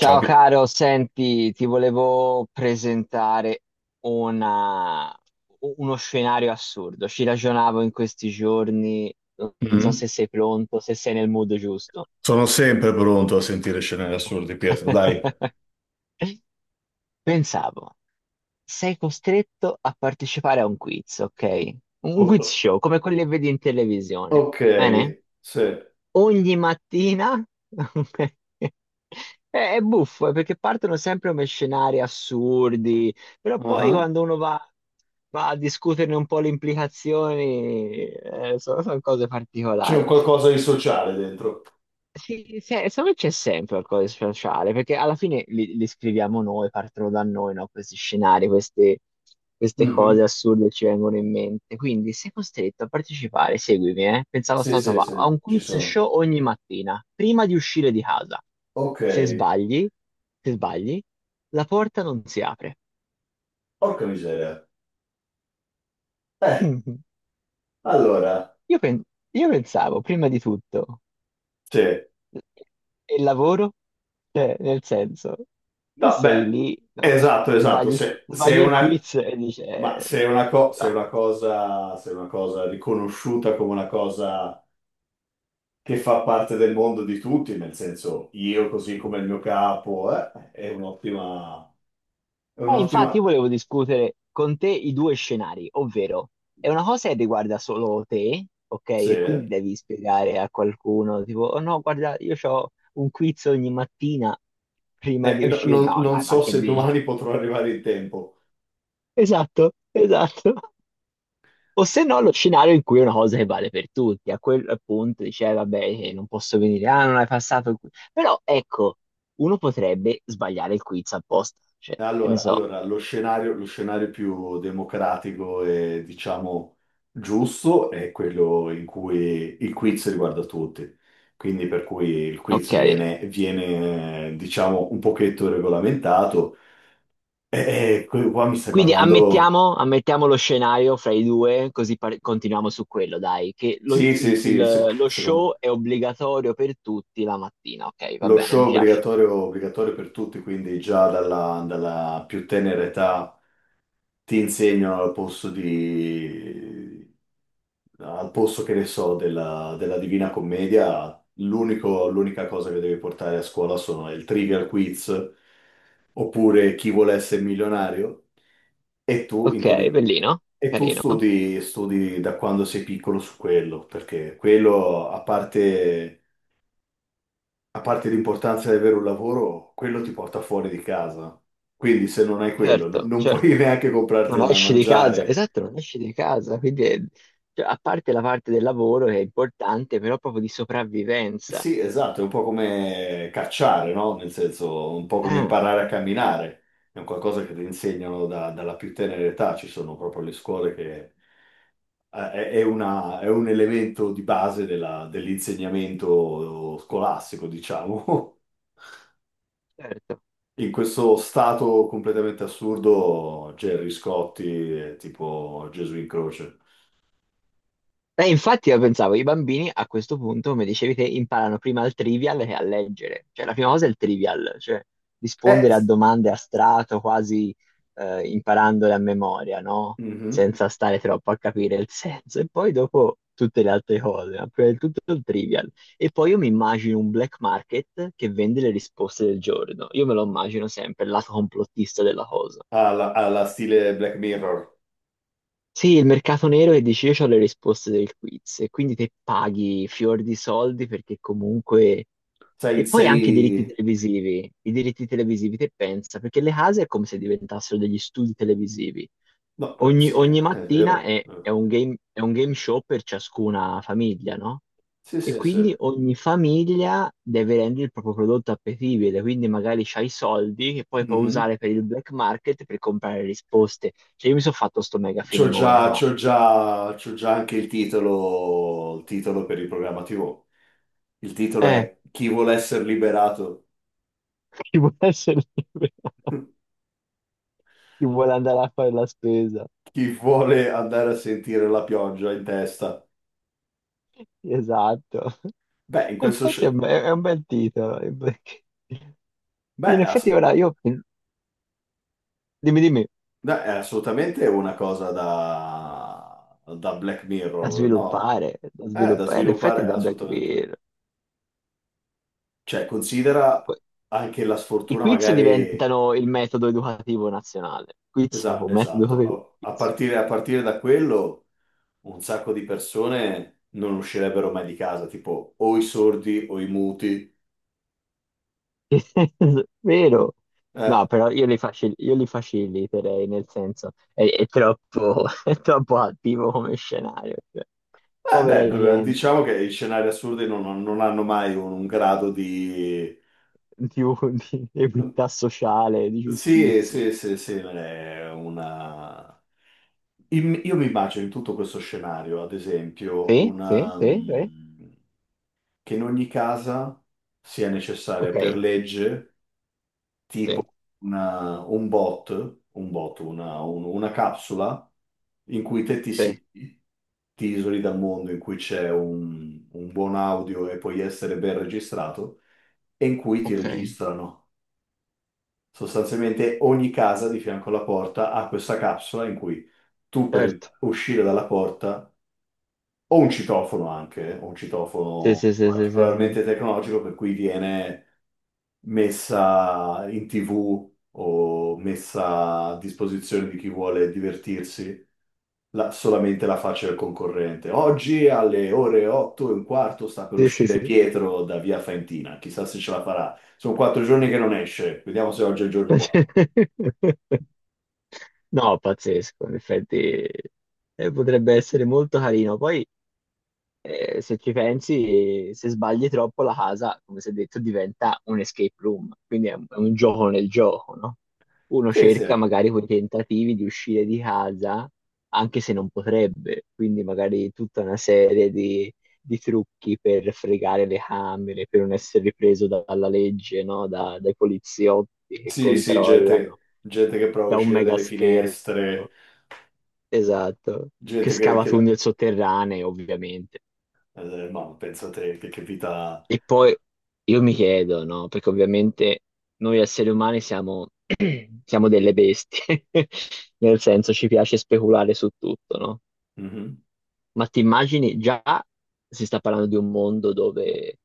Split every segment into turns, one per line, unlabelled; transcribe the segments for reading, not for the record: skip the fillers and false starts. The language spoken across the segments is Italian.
Ciao, Pi-
caro, senti, ti volevo presentare una- uno scenario assurdo. Ci ragionavo in questi giorni, non so
Mhm.
se sei pronto, se sei nel mood giusto.
Sono sempre pronto a sentire scene assurde, Pietro, dai.
Pensavo, sei costretto a partecipare a un quiz, ok? Un quiz
O-
show, come quelli che vedi in televisione.
ok,
Bene?
sì.
Ogni mattina. È buffo, perché partono sempre come scenari assurdi, però poi
Ah.
quando uno va, va a discuterne un po' le implicazioni, sono cose
C'è un
particolari.
qualcosa di sociale dentro.
Sì, secondo me c'è sempre qualcosa di speciale, perché alla fine li scriviamo noi, partono da noi, no? Questi scenari, queste
Mhm.
cose assurde ci vengono in mente. Quindi sei costretto a partecipare, seguimi, eh? Pensavo a
Sì,
sta cosa
sì,
qua, a
sì,
un
ci
quiz
sono.
show ogni mattina, prima di uscire di casa.
Ok,
Se sbagli, se sbagli, la porta non si apre.
porca miseria. Eh, allora,
Io, pen- io pensavo, prima di tutto,
sì.
e il lavoro? Cioè, nel senso, e
No,
sei
beh,
lì, no,
esatto, esatto. Se è
sbagli il
una.
quiz e dice...
Ma
ah.
se è una cosa riconosciuta come una cosa che fa parte del mondo di tutti, nel senso io così come il mio capo, è un'ottima, è
Infatti io
un'ottima,
volevo discutere con te i due scenari, ovvero è una cosa che riguarda solo te, ok?
Sì.
E quindi
eh,
devi spiegare a qualcuno, tipo, oh no, guarda, io ho un quiz ogni mattina prima di
Eh, no-
uscire.
non,
No,
non
dai, ma
so
che
se
dici?
domani potrò arrivare in tempo.
Esatto, esatto. O se no, lo scenario in cui è una cosa che vale per tutti. A quel punto dice, vabbè, non posso venire, ah, non hai passato il quiz." Però ecco, uno potrebbe sbagliare il quiz apposta, cioè, che ne
Allora,
so.
allora, lo scenario più democratico e diciamo giusto è quello in cui il quiz riguarda tutti. Quindi per cui il
Ok,
quiz viene, viene, diciamo, un pochetto regolamentato. E, qua mi stai
quindi
parlando.
ammettiamo lo scenario fra i due, così continuiamo su quello, dai, che
Sì, sì, sì, sec-
lo show
secondo
è obbligatorio per tutti la mattina. Ok, va
lo
bene, mi
show
piace.
obbligatorio, obbligatorio per tutti, quindi già dalla più tenera età ti insegnano al posto che ne so, della Divina Commedia, l'unica cosa che devi portare a scuola sono il Trivial Quiz, oppure Chi vuole essere milionario, e tu,
Ok,
incomi-
bellino,
e tu
carino.
studi da quando sei piccolo su quello, perché quello, a parte l'importanza di avere un lavoro, quello ti porta fuori di casa. Quindi se non hai quello, no-
Certo,
non puoi
certo.
neanche comprarti
Non
da
esci di casa,
mangiare.
esatto, non esci di casa, cioè, a parte la parte del lavoro che è importante, però proprio di sopravvivenza.
Sì, esatto, è un po' come cacciare, no? Nel senso, un po' come
Ah,
imparare a camminare. È un qualcosa che ti insegnano dalla più tenera età. Ci sono proprio le scuole che è un elemento di base dell'insegnamento scolastico, diciamo.
certo.
In questo stato completamente assurdo, Gerry Scotti è tipo Gesù in croce.
E infatti io pensavo, i bambini a questo punto, come dicevi te, imparano prima al trivial che a leggere. Cioè la prima cosa è il trivial, cioè
Eh,
rispondere a
s-
domande a strato, quasi imparandole a memoria, no?
mhm.
Senza stare troppo a capire il senso. E poi dopo tutte le altre cose, ma prima di tutto il trivial. E poi io mi immagino un black market che vende le risposte del giorno. Io me lo immagino sempre, il lato complottista della cosa.
Alla stile Black Mirror.
Sì, il mercato nero che dici io ho le risposte del quiz e quindi te paghi fior di soldi perché comunque...
Sei,
E poi anche
sei...
i diritti televisivi te pensa, perché le case è come se diventassero degli studi televisivi.
No,
Ogni,
sì,
ogni
è
mattina
vero.
è, è un game show per ciascuna famiglia, no?
Sì,
E
sì, sì.
quindi ogni famiglia deve rendere il proprio prodotto appetibile, quindi magari c'hai i soldi che poi puoi
Mhm.
usare per il black market per comprare risposte. Cioè io mi sono fatto sto mega
C'ho
filmone
già,
qua.
c'ho già, c'ho già anche il titolo per il programma TV. Il titolo
Eh,
è Chi vuole essere liberato?
chi vuole essere libero, chi vuole andare a fare la spesa.
Chi vuole andare a sentire la pioggia in testa?
Esatto.
Beh, in questo
Infatti è un,
scenario.
è un bel titolo.
Beh,
In effetti
ass-
ora io... Dimmi, dimmi.
Beh, è assolutamente una cosa da Black
Da
Mirror, no?
sviluppare, da
È da
sviluppare, in effetti
sviluppare
da Black
assolutamente.
Bear.
Cioè, considera
Poi,
anche la
i
sfortuna,
quiz
magari.
diventano il metodo educativo nazionale. Quiz
Esa-
o metodo educativo.
esatto. A, a
Quiz.
partire, a partire da quello, un sacco di persone non uscirebbero mai di casa, tipo o i sordi o i muti.
Vero?
Eh,
No, però io li, io li faciliterei, nel senso, è troppo, è troppo attivo come scenario. Cioè,
beh,
povera
beh,
gente,
diciamo che i scenari assurdi non hanno mai un, un grado di.
di, un- di equità sociale, di
Sì,
giustizia.
sì, sì, sì, è una. Io mi immagino in tutto questo scenario, ad esempio,
Sì, sì,
una,
sì, sì.
che in ogni casa sia necessaria
Ok,
per legge
sì,
una- un bot, un bot, una capsula in cui te ti
sì,
siedi, ti isoli dal mondo, in cui c'è un buon audio e puoi essere ben registrato, e in cui ti
ok,
registrano. Sostanzialmente ogni casa di fianco alla porta ha questa capsula in cui tu per
certo.
uscire dalla porta, o un citofono anche, o un
Sì,
citofono
sì, sì, sì, sì, sì.
particolarmente tecnologico per cui viene messa in TV o messa a disposizione di chi vuole divertirsi solamente la faccia del concorrente. Oggi alle ore 8 e un quarto sta per
Sì, sì, sì.
uscire Pietro da Via Faentina, chissà se ce la farà. Sono 4 giorni che non esce, vediamo se oggi è il giorno buono.
No, pazzesco, in effetti potrebbe essere molto carino. Poi, se ci pensi, se sbagli troppo la casa, come si è detto, diventa un escape room, quindi è un gioco nel gioco, no? Uno
Sì, sì.
cerca magari quei tentativi di uscire di casa, anche se non potrebbe, quindi magari tutta una serie di trucchi per fregare le camere, per non essere ripreso dalla legge, no? Dai poliziotti che
Sì, sì, gente,
controllano
gente che prova a
da un
uscire
mega
dalle
schermo,
finestre,
esatto, che
gente
scava
che la-
tunnel sotterranei, ovviamente.
ma pensa te, che vita.
E poi io mi chiedo, no? Perché ovviamente noi esseri umani siamo, siamo delle bestie, nel senso ci piace speculare su tutto, no?
Mhm,
Ma ti immagini già si sta parlando di un mondo dove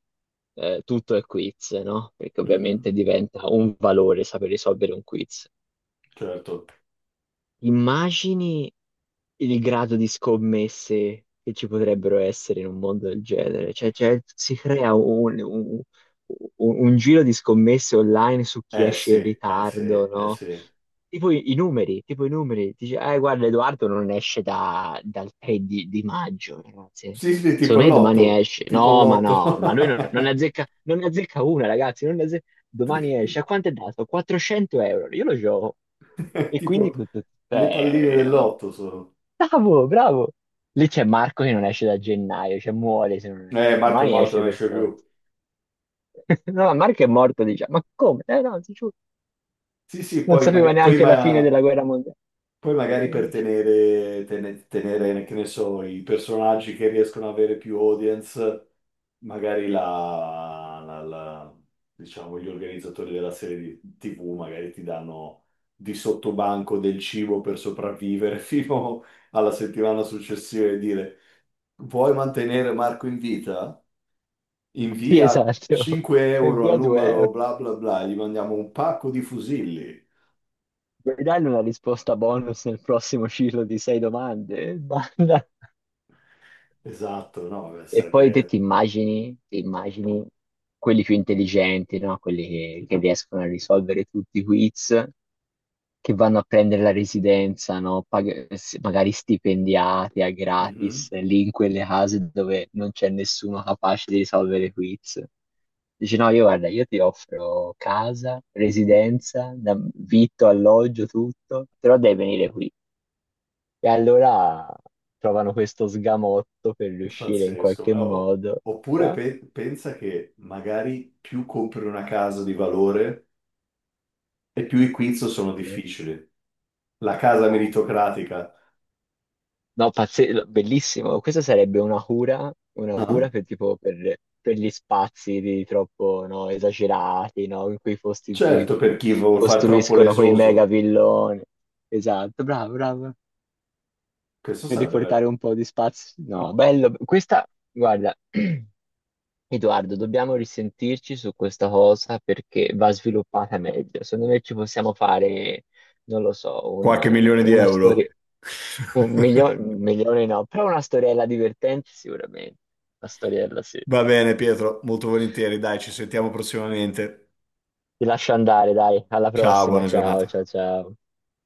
tutto è quiz, no? Perché
mhm,
ovviamente diventa un valore saper risolvere un quiz.
certo.
Immagini il grado di scommesse che ci potrebbero essere in un mondo del genere. Cioè, cioè, si crea un giro di scommesse online su chi
Eh
esce in
sì, eh sì,
ritardo,
eh
no?
sì.
I numeri, tipo i numeri. Dice, guarda, Edoardo non esce dal 3 di maggio, ragazzi.
Sì, sì, tipo
Secondo
il
me domani
lotto,
esce.
tipo il
No, ma
lotto.
no, ma lui non ne azzecca, non ne azzecca una, ragazzi. Non ne azze- Domani esce. A quanto è dato? 400 euro. Io lo gioco. E quindi
Tipo
tutto... tutto-
le palline del
eh,
lotto sono.
Bravo, bravo. Lì c'è Marco che non esce da gennaio, cioè muore se non esce.
Marco è
Domani
morto,
esce
non
per
esce più.
forza. No, ma Marco è morto, diciamo. Ma come? Eh no, ti giuro,
Sì, sì,
non
poi,
sapeva
maga- poi
neanche la fine
ma-
della guerra mondiale.
poi magari
Non
per
esce.
tenere, tene- tenere, che ne so, i personaggi che riescono ad avere più audience magari diciamo, gli organizzatori della serie di TV magari ti danno di sottobanco del cibo per sopravvivere fino alla settimana successiva e dire vuoi mantenere Marco in vita?
Sì,
Invia
esatto.
5
E
euro al
via tu,
numero
eh.
bla bla bla, gli mandiamo un pacco di fusilli.
Vuoi dargli una risposta bonus nel prossimo ciclo di sei domande? Basta.
Esatto, no, beh,
E poi
sarebbe.
ti immagini quelli più intelligenti, no? Quelli che riescono a risolvere tutti i quiz, che vanno a prendere la residenza, no? Magari stipendiati a
Mhm,
gratis, lì in quelle case dove non c'è nessuno capace di risolvere quiz. Dici no, io guarda, io ti offro casa,
mhm.
residenza, vitto, alloggio, tutto, però devi venire qui. E allora trovano questo sgamotto per riuscire in
Pazzesco.
qualche
O-
modo,
Oppure
no?
pe- pensa che magari più compri una casa di valore, e più i quiz sono difficili. La casa
No.
meritocratica.
No, bellissimo. Questa sarebbe una
Ah,
cura per, tipo, per gli spazi di troppo no, esagerati, no? In quei posti in cui
certo, per chi vuol far troppo
costruiscono quei mega
lesoso.
villoni. Esatto, bravo, bravo.
Questo
Per
sarebbe
riportare
vero.
un po' di spazio. No, bello. Questa, guarda, Edoardo, dobbiamo risentirci su questa cosa perché va sviluppata meglio. Secondo me ci possiamo fare, non lo so,
Qualche milione di
una storia.
euro.
Milione no, però una storiella divertente sicuramente. Una storiella, sì.
Va bene, Pietro, molto volentieri. Dai, ci sentiamo prossimamente.
Ti lascio andare, dai, alla
Ciao,
prossima,
buona
ciao,
giornata.
ciao, ciao.